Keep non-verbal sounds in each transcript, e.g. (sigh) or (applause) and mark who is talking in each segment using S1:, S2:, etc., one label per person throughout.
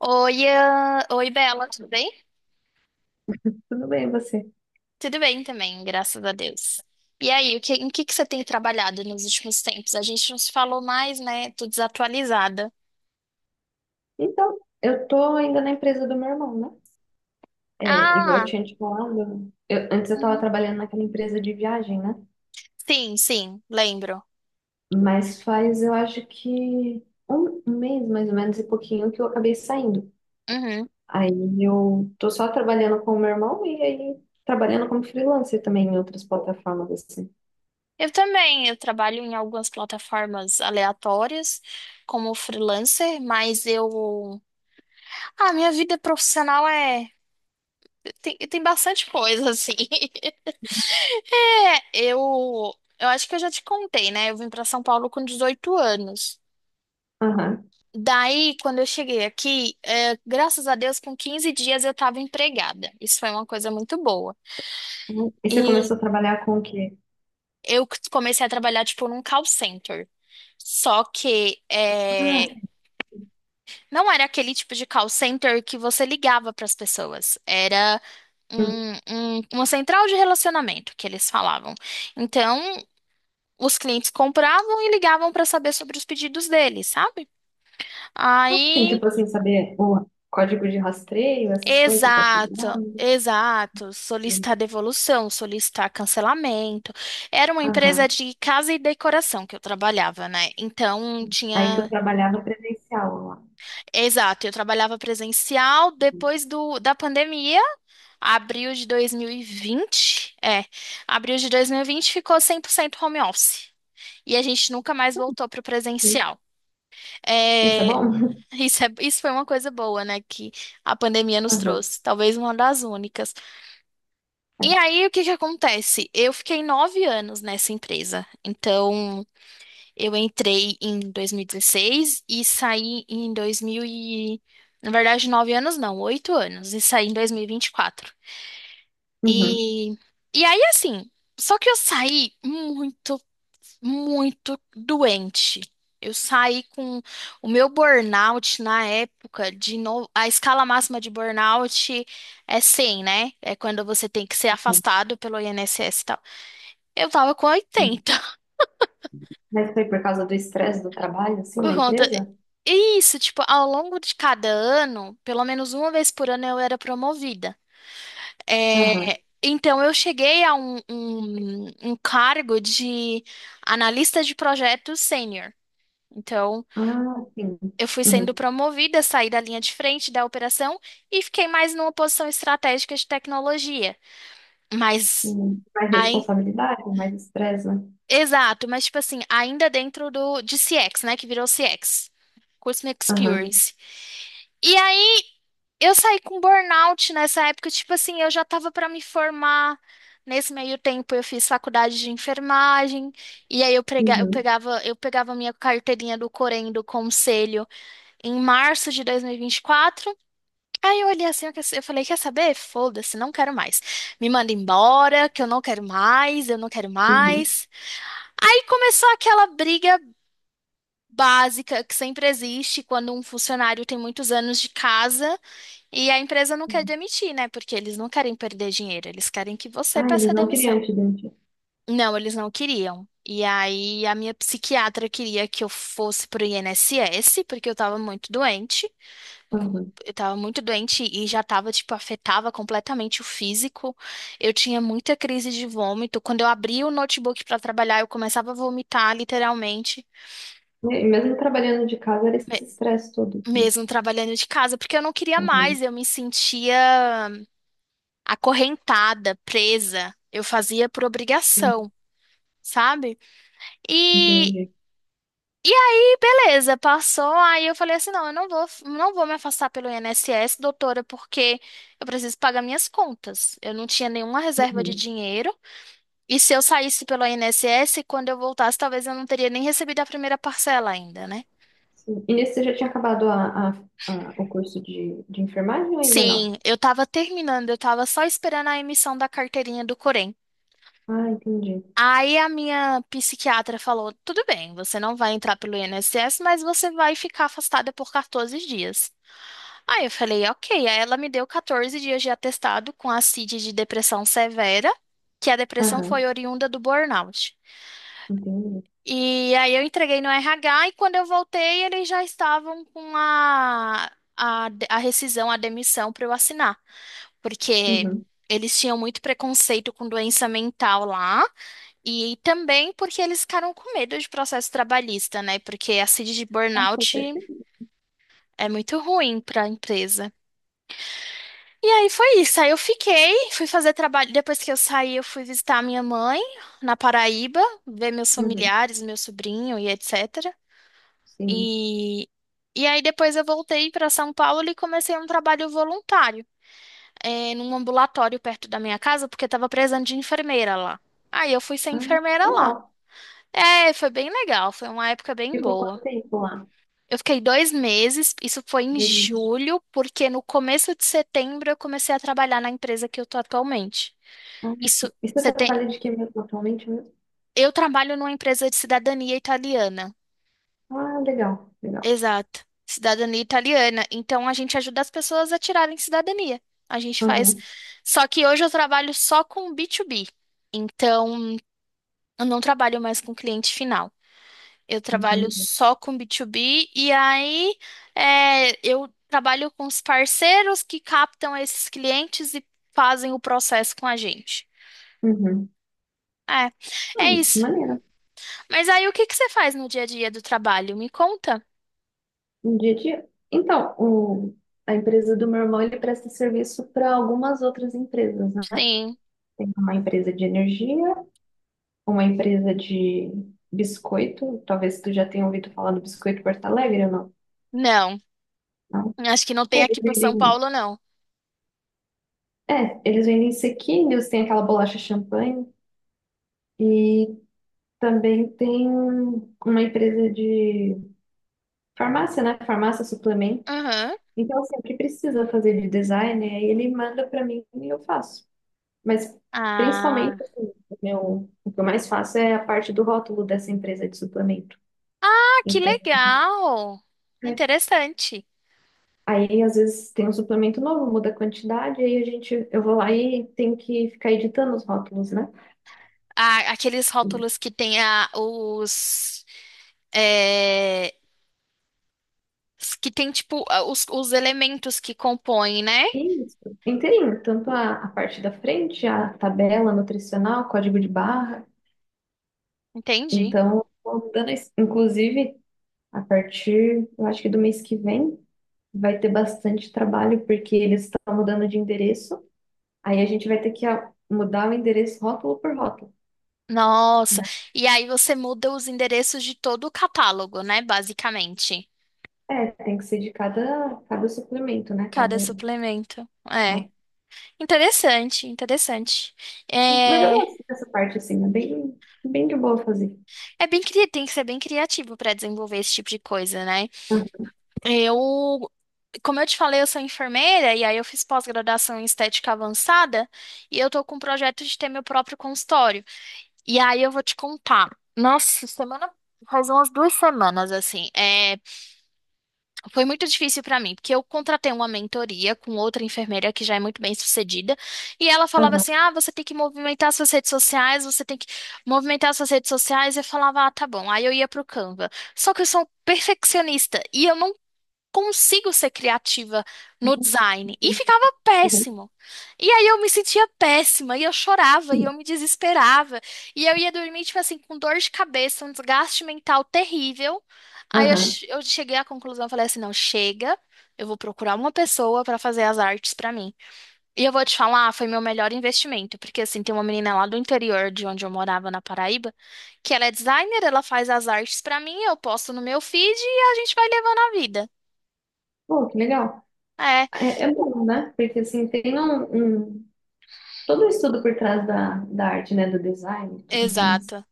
S1: Oi, Ian. Oi, Bela, tudo bem?
S2: Tudo bem, você?
S1: Tudo bem também, graças a Deus. E aí, em que você tem trabalhado nos últimos tempos? A gente não se falou mais, né? Tô desatualizada.
S2: Então, eu tô ainda na empresa do meu irmão, né? É, igual eu
S1: Ah,
S2: tinha te falado, antes eu tava
S1: uhum.
S2: trabalhando naquela empresa de viagem, né?
S1: Sim, sim, lembro.
S2: Mas faz, eu acho que um mês, mais ou menos, e pouquinho que eu acabei saindo.
S1: Uhum.
S2: Aí eu tô só trabalhando com o meu irmão e aí trabalhando como freelancer também em outras plataformas, assim.
S1: Eu também, eu trabalho em algumas plataformas aleatórias como freelancer, mas eu... Ah, minha vida profissional é... Tem bastante coisa, assim. (laughs) É, eu acho que eu já te contei, né? Eu vim para São Paulo com 18 anos.
S2: Aham.
S1: Daí, quando eu cheguei aqui, é, graças a Deus, com 15 dias eu estava empregada. Isso foi uma coisa muito boa.
S2: E você
S1: E
S2: começou a trabalhar com o quê?
S1: eu comecei a trabalhar, tipo, num call center. Só que
S2: Ah,
S1: é, não era aquele tipo de call center que você ligava para as pessoas. Era um- uma central de relacionamento que eles falavam. Então, os clientes compravam e ligavam para saber sobre os pedidos deles, sabe?
S2: assim,
S1: Aí,
S2: tipo assim, saber o código de rastreio, essas coisas, tá
S1: exato,
S2: chegando.
S1: exato,
S2: Sim.
S1: solicitar devolução, solicitar cancelamento. Era uma empresa
S2: Aham.
S1: de casa e decoração que eu trabalhava, né? Então
S2: Aí tu
S1: tinha,
S2: trabalhava presencial lá.
S1: exato, eu trabalhava presencial depois do da pandemia, abril de 2020, é, abril de 2020 ficou 100% home office. E a gente nunca mais voltou para o
S2: Uhum.
S1: presencial.
S2: Isso é
S1: É,
S2: bom? (laughs)
S1: isso, isso foi uma coisa boa, né, que a pandemia nos
S2: Aham,
S1: trouxe, talvez uma das únicas.
S2: é.
S1: E aí, o que que acontece? Eu fiquei 9 anos nessa empresa, então eu entrei em 2016 e saí em 2000 e... Na verdade, 9 anos não, 8 anos, e saí em dois mil e vinte e quatro.
S2: Uhum,
S1: E, e aí, assim, só que eu saí muito muito doente. Eu saí com o meu burnout na época de no... a escala máxima de burnout é 100, né? É quando você tem que ser
S2: uhum,
S1: afastado pelo INSS e tal. Eu tava com
S2: uhum.
S1: 80.
S2: Mas foi por causa do estresse do trabalho, assim,
S1: (laughs)
S2: na
S1: Por conta.
S2: empresa?
S1: Isso, tipo, ao longo de cada ano, pelo menos uma vez por ano eu era promovida.
S2: Aham.
S1: É, então eu cheguei a um cargo de analista de projetos sênior. Então,
S2: Ah, sim.
S1: eu fui sendo
S2: Uhum.
S1: promovida, saí da linha de frente da operação e fiquei mais numa posição estratégica de tecnologia. Mas,
S2: Uhum. Mais
S1: aí,
S2: responsabilidade, mais estresse, né?
S1: exato, mas tipo assim, ainda dentro do de CX, né, que virou CX, Customer
S2: Aham.
S1: Experience. E aí eu saí com burnout nessa época, tipo assim, eu já tava para me formar. Nesse meio tempo eu fiz faculdade de enfermagem e aí eu, prega, eu
S2: Uhum.
S1: pegava eu pegava minha carteirinha do Corém, do Conselho, em março de 2024. Aí eu olhei assim, eu falei, quer saber? Foda-se, não quero mais. Me manda embora, que eu não quero mais, eu não quero
S2: Uhum.
S1: mais. Aí começou aquela briga básica que sempre existe quando um funcionário tem muitos anos de casa e a empresa não quer
S2: Uhum.
S1: demitir, né? Porque eles não querem perder dinheiro, eles querem que você
S2: Ah, eles
S1: peça
S2: não queriam
S1: demissão.
S2: te demitir.
S1: Não, eles não queriam. E aí a minha psiquiatra queria que eu fosse pro INSS, porque eu tava muito doente. Eu com-
S2: Aham.
S1: eu tava muito doente e já tava, tipo, afetava completamente o físico. Eu tinha muita crise de vômito. Quando eu abria o notebook pra trabalhar, eu começava a vomitar, literalmente,
S2: E mesmo trabalhando de casa, era esse
S1: me-
S2: estresse todo, assim.
S1: mesmo trabalhando de casa, porque eu não queria
S2: Aham.
S1: mais, eu me sentia acorrentada, presa. Eu fazia por
S2: Sim,
S1: obrigação, sabe? e
S2: entendi.
S1: Beleza, passou. Aí eu falei assim: não, eu não vou, não vou me afastar pelo INSS, doutora, porque eu preciso pagar minhas contas. Eu não tinha nenhuma reserva de
S2: Uhum.
S1: dinheiro. E se eu saísse pelo INSS, quando eu voltasse, talvez eu não teria nem recebido a primeira parcela ainda, né?
S2: Sim. E nesse você já tinha acabado o curso de enfermagem ou ainda não?
S1: Sim, eu tava terminando, eu tava só esperando a emissão da carteirinha do Corém.
S2: Ah, entendi.
S1: Aí a minha psiquiatra falou: tudo bem, você não vai entrar pelo INSS, mas você vai ficar afastada por 14 dias. Aí eu falei, ok. Aí ela me deu 14 dias de atestado com a CID de depressão severa, que a depressão
S2: Aham,
S1: foi oriunda do burnout.
S2: entendi.
S1: E aí eu entreguei no RH e quando eu voltei, eles já estavam com a rescisão, a demissão, para eu assinar, porque
S2: Uhum.
S1: eles tinham muito preconceito com doença mental lá e também porque eles ficaram com medo de processo trabalhista, né? Porque a CID de
S2: Ah, foi
S1: burnout
S2: perfeito.
S1: é muito ruim para a empresa. E aí foi isso. Aí eu fiquei, fui fazer trabalho. Depois que eu saí, eu fui visitar a minha mãe na Paraíba, ver meus
S2: Uhum,
S1: familiares, meu sobrinho e etc.
S2: sim.
S1: E, e aí depois eu voltei para São Paulo e comecei um trabalho voluntário, eh, num ambulatório perto da minha casa, porque estava precisando de enfermeira lá. Aí eu fui ser
S2: Ah,
S1: enfermeira lá.
S2: legal.
S1: É, foi bem legal, foi uma época bem
S2: Ficou quanto
S1: boa.
S2: tempo lá?
S1: Eu fiquei 2 meses, isso foi em
S2: Meses.
S1: julho, porque no começo de setembro eu comecei a trabalhar na empresa que eu tô atualmente.
S2: Ah, sim.
S1: Isso,
S2: E você
S1: você tem.
S2: trabalha de que mesmo atualmente mesmo?
S1: Eu trabalho numa empresa de cidadania italiana.
S2: Ah, legal, legal.
S1: Exato. Cidadania italiana. Então a gente ajuda as pessoas a tirarem cidadania. A gente faz.
S2: Aham,
S1: Só que hoje eu trabalho só com B2B. Então eu não trabalho mais com cliente final. Eu trabalho
S2: entendi.
S1: só com B2B e aí, eu trabalho com os parceiros que captam esses clientes e fazem o processo com a gente.
S2: Uhum.
S1: É,
S2: Ah,
S1: é isso.
S2: maneiro.
S1: Mas aí o que que você faz no dia a dia do trabalho? Me conta.
S2: Um dia a dia. Então, o... a empresa do meu irmão, ele presta serviço para algumas outras empresas, né?
S1: Sim.
S2: Tem uma empresa de energia, uma empresa de biscoito. Talvez tu já tenha ouvido falar do Biscoito Porto Alegre ou
S1: Não.
S2: não?
S1: Acho que não
S2: É,
S1: tem
S2: eles
S1: aqui para São
S2: vendem,
S1: Paulo, não.
S2: é, eles vendem sequinhos, tem aquela bolacha champanhe e também tem uma empresa de farmácia, né? Farmácia suplemento.
S1: Aham.
S2: Então, assim, o que precisa fazer de design, aí ele manda para mim e eu faço. Mas, principalmente,
S1: Ah.
S2: assim, o meu, o que eu mais faço é a parte do rótulo dessa empresa de suplemento.
S1: Ah, que
S2: Então,
S1: legal.
S2: é,
S1: Interessante.
S2: aí às vezes tem um suplemento novo, muda a quantidade, aí a gente, eu vou lá e tenho que ficar editando os rótulos, né?
S1: Ah, aqueles rótulos que tem a, os, é, s- que tem tipo a- os elementos que compõem, né?
S2: Isso, inteirinho, tanto a parte da frente, a tabela nutricional, código de barra.
S1: Entendi.
S2: Então, vou mudando isso. Inclusive, a partir, eu acho que do mês que vem, vai ter bastante trabalho, porque eles estão mudando de endereço. Aí a gente vai ter que mudar o endereço rótulo por rótulo,
S1: Nossa.
S2: né?
S1: E aí você muda os endereços de todo o catálogo, né? Basicamente.
S2: É, tem que ser de cada, cada suplemento, né? Cada...
S1: Cada suplemento. É.
S2: ah,
S1: Interessante, interessante.
S2: é. Mas eu
S1: É,
S2: gosto dessa parte, assim, é bem, bem de boa fazer.
S1: Tem que ser bem criativo para desenvolver esse tipo de coisa, né?
S2: Ah,
S1: Eu, como eu te falei, eu sou enfermeira e aí eu fiz pós-graduação em estética avançada e eu tô com um projeto de ter meu próprio consultório. E aí eu vou te contar. Nossa, faz umas 2 semanas assim. Foi muito difícil para mim, porque eu contratei uma mentoria com outra enfermeira que já é muito bem sucedida, e ela falava
S2: aham,
S1: assim: "Ah, você tem que movimentar suas redes sociais, você tem que movimentar suas redes sociais". Eu falava: "Ah, tá bom". Aí eu ia pro Canva. Só que eu sou perfeccionista e eu não consigo ser criativa no design. E ficava
S2: aham.
S1: péssimo. E aí eu me sentia péssima, e eu chorava, e eu me desesperava. E eu ia dormir, tipo assim, com dor de cabeça, um desgaste mental terrível. Aí eu,
S2: Aham.
S1: che- eu cheguei à conclusão, eu falei assim, não, chega. Eu vou procurar uma pessoa para fazer as artes para mim. E eu vou te falar, ah, foi meu melhor investimento, porque assim, tem uma menina lá do interior de onde eu morava na Paraíba, que ela é designer, ela faz as artes para mim, eu posto no meu feed e a gente vai levando a vida.
S2: Pô, que legal.
S1: é
S2: É, é bom, né? Porque assim, todo o estudo por trás da, da arte, né? Do design e tudo mais.
S1: Exato.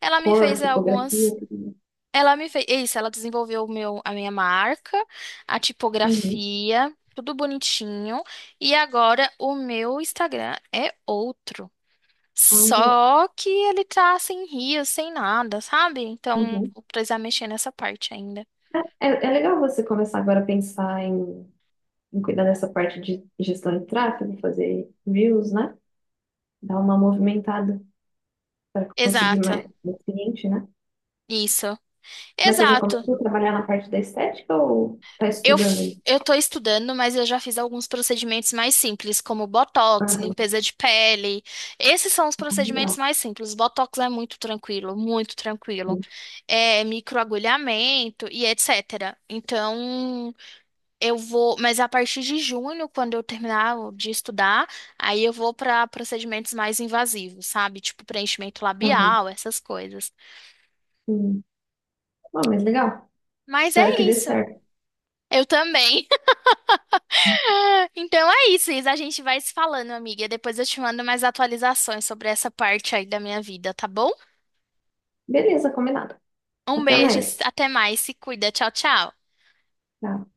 S1: Ela me
S2: Cor,
S1: fez
S2: tipografia,
S1: algumas.
S2: tudo mais.
S1: Ela me fez. Isso, ela desenvolveu a minha marca, a
S2: Uhum.
S1: tipografia, tudo bonitinho. E agora o meu Instagram é outro.
S2: Ah, legal.
S1: Só que ele tá sem rios, sem nada, sabe? Então
S2: Uhum.
S1: vou precisar mexer nessa parte ainda.
S2: É, é legal você começar agora a pensar em, em cuidar dessa parte de gestão de tráfego, fazer views, né? Dar uma movimentada para conseguir
S1: Exato.
S2: mais cliente, né?
S1: Isso.
S2: Mas você já
S1: Exato.
S2: começou a trabalhar na parte da estética ou está
S1: Eu,
S2: estudando aí?
S1: f- eu tô estudando, mas eu já fiz alguns procedimentos mais simples, como botox,
S2: Aham,
S1: limpeza de pele. Esses são os
S2: ah, legal.
S1: procedimentos mais simples. Botox é muito tranquilo, muito tranquilo.
S2: Sim.
S1: É microagulhamento e etc. Então, eu vou, mas a partir de junho, quando eu terminar de estudar, aí eu vou pra procedimentos mais invasivos, sabe? Tipo preenchimento
S2: Aham.
S1: labial, essas coisas.
S2: Sim. Bom, mas legal.
S1: Mas é
S2: Espero que dê
S1: isso.
S2: certo.
S1: Eu também. É, então é isso, Isa. A gente vai se falando, amiga. Depois eu te mando mais atualizações sobre essa parte aí da minha vida, tá bom?
S2: Beleza, combinado.
S1: Um
S2: Até
S1: beijo,
S2: mais.
S1: até mais, se cuida. Tchau, tchau.
S2: Tchau.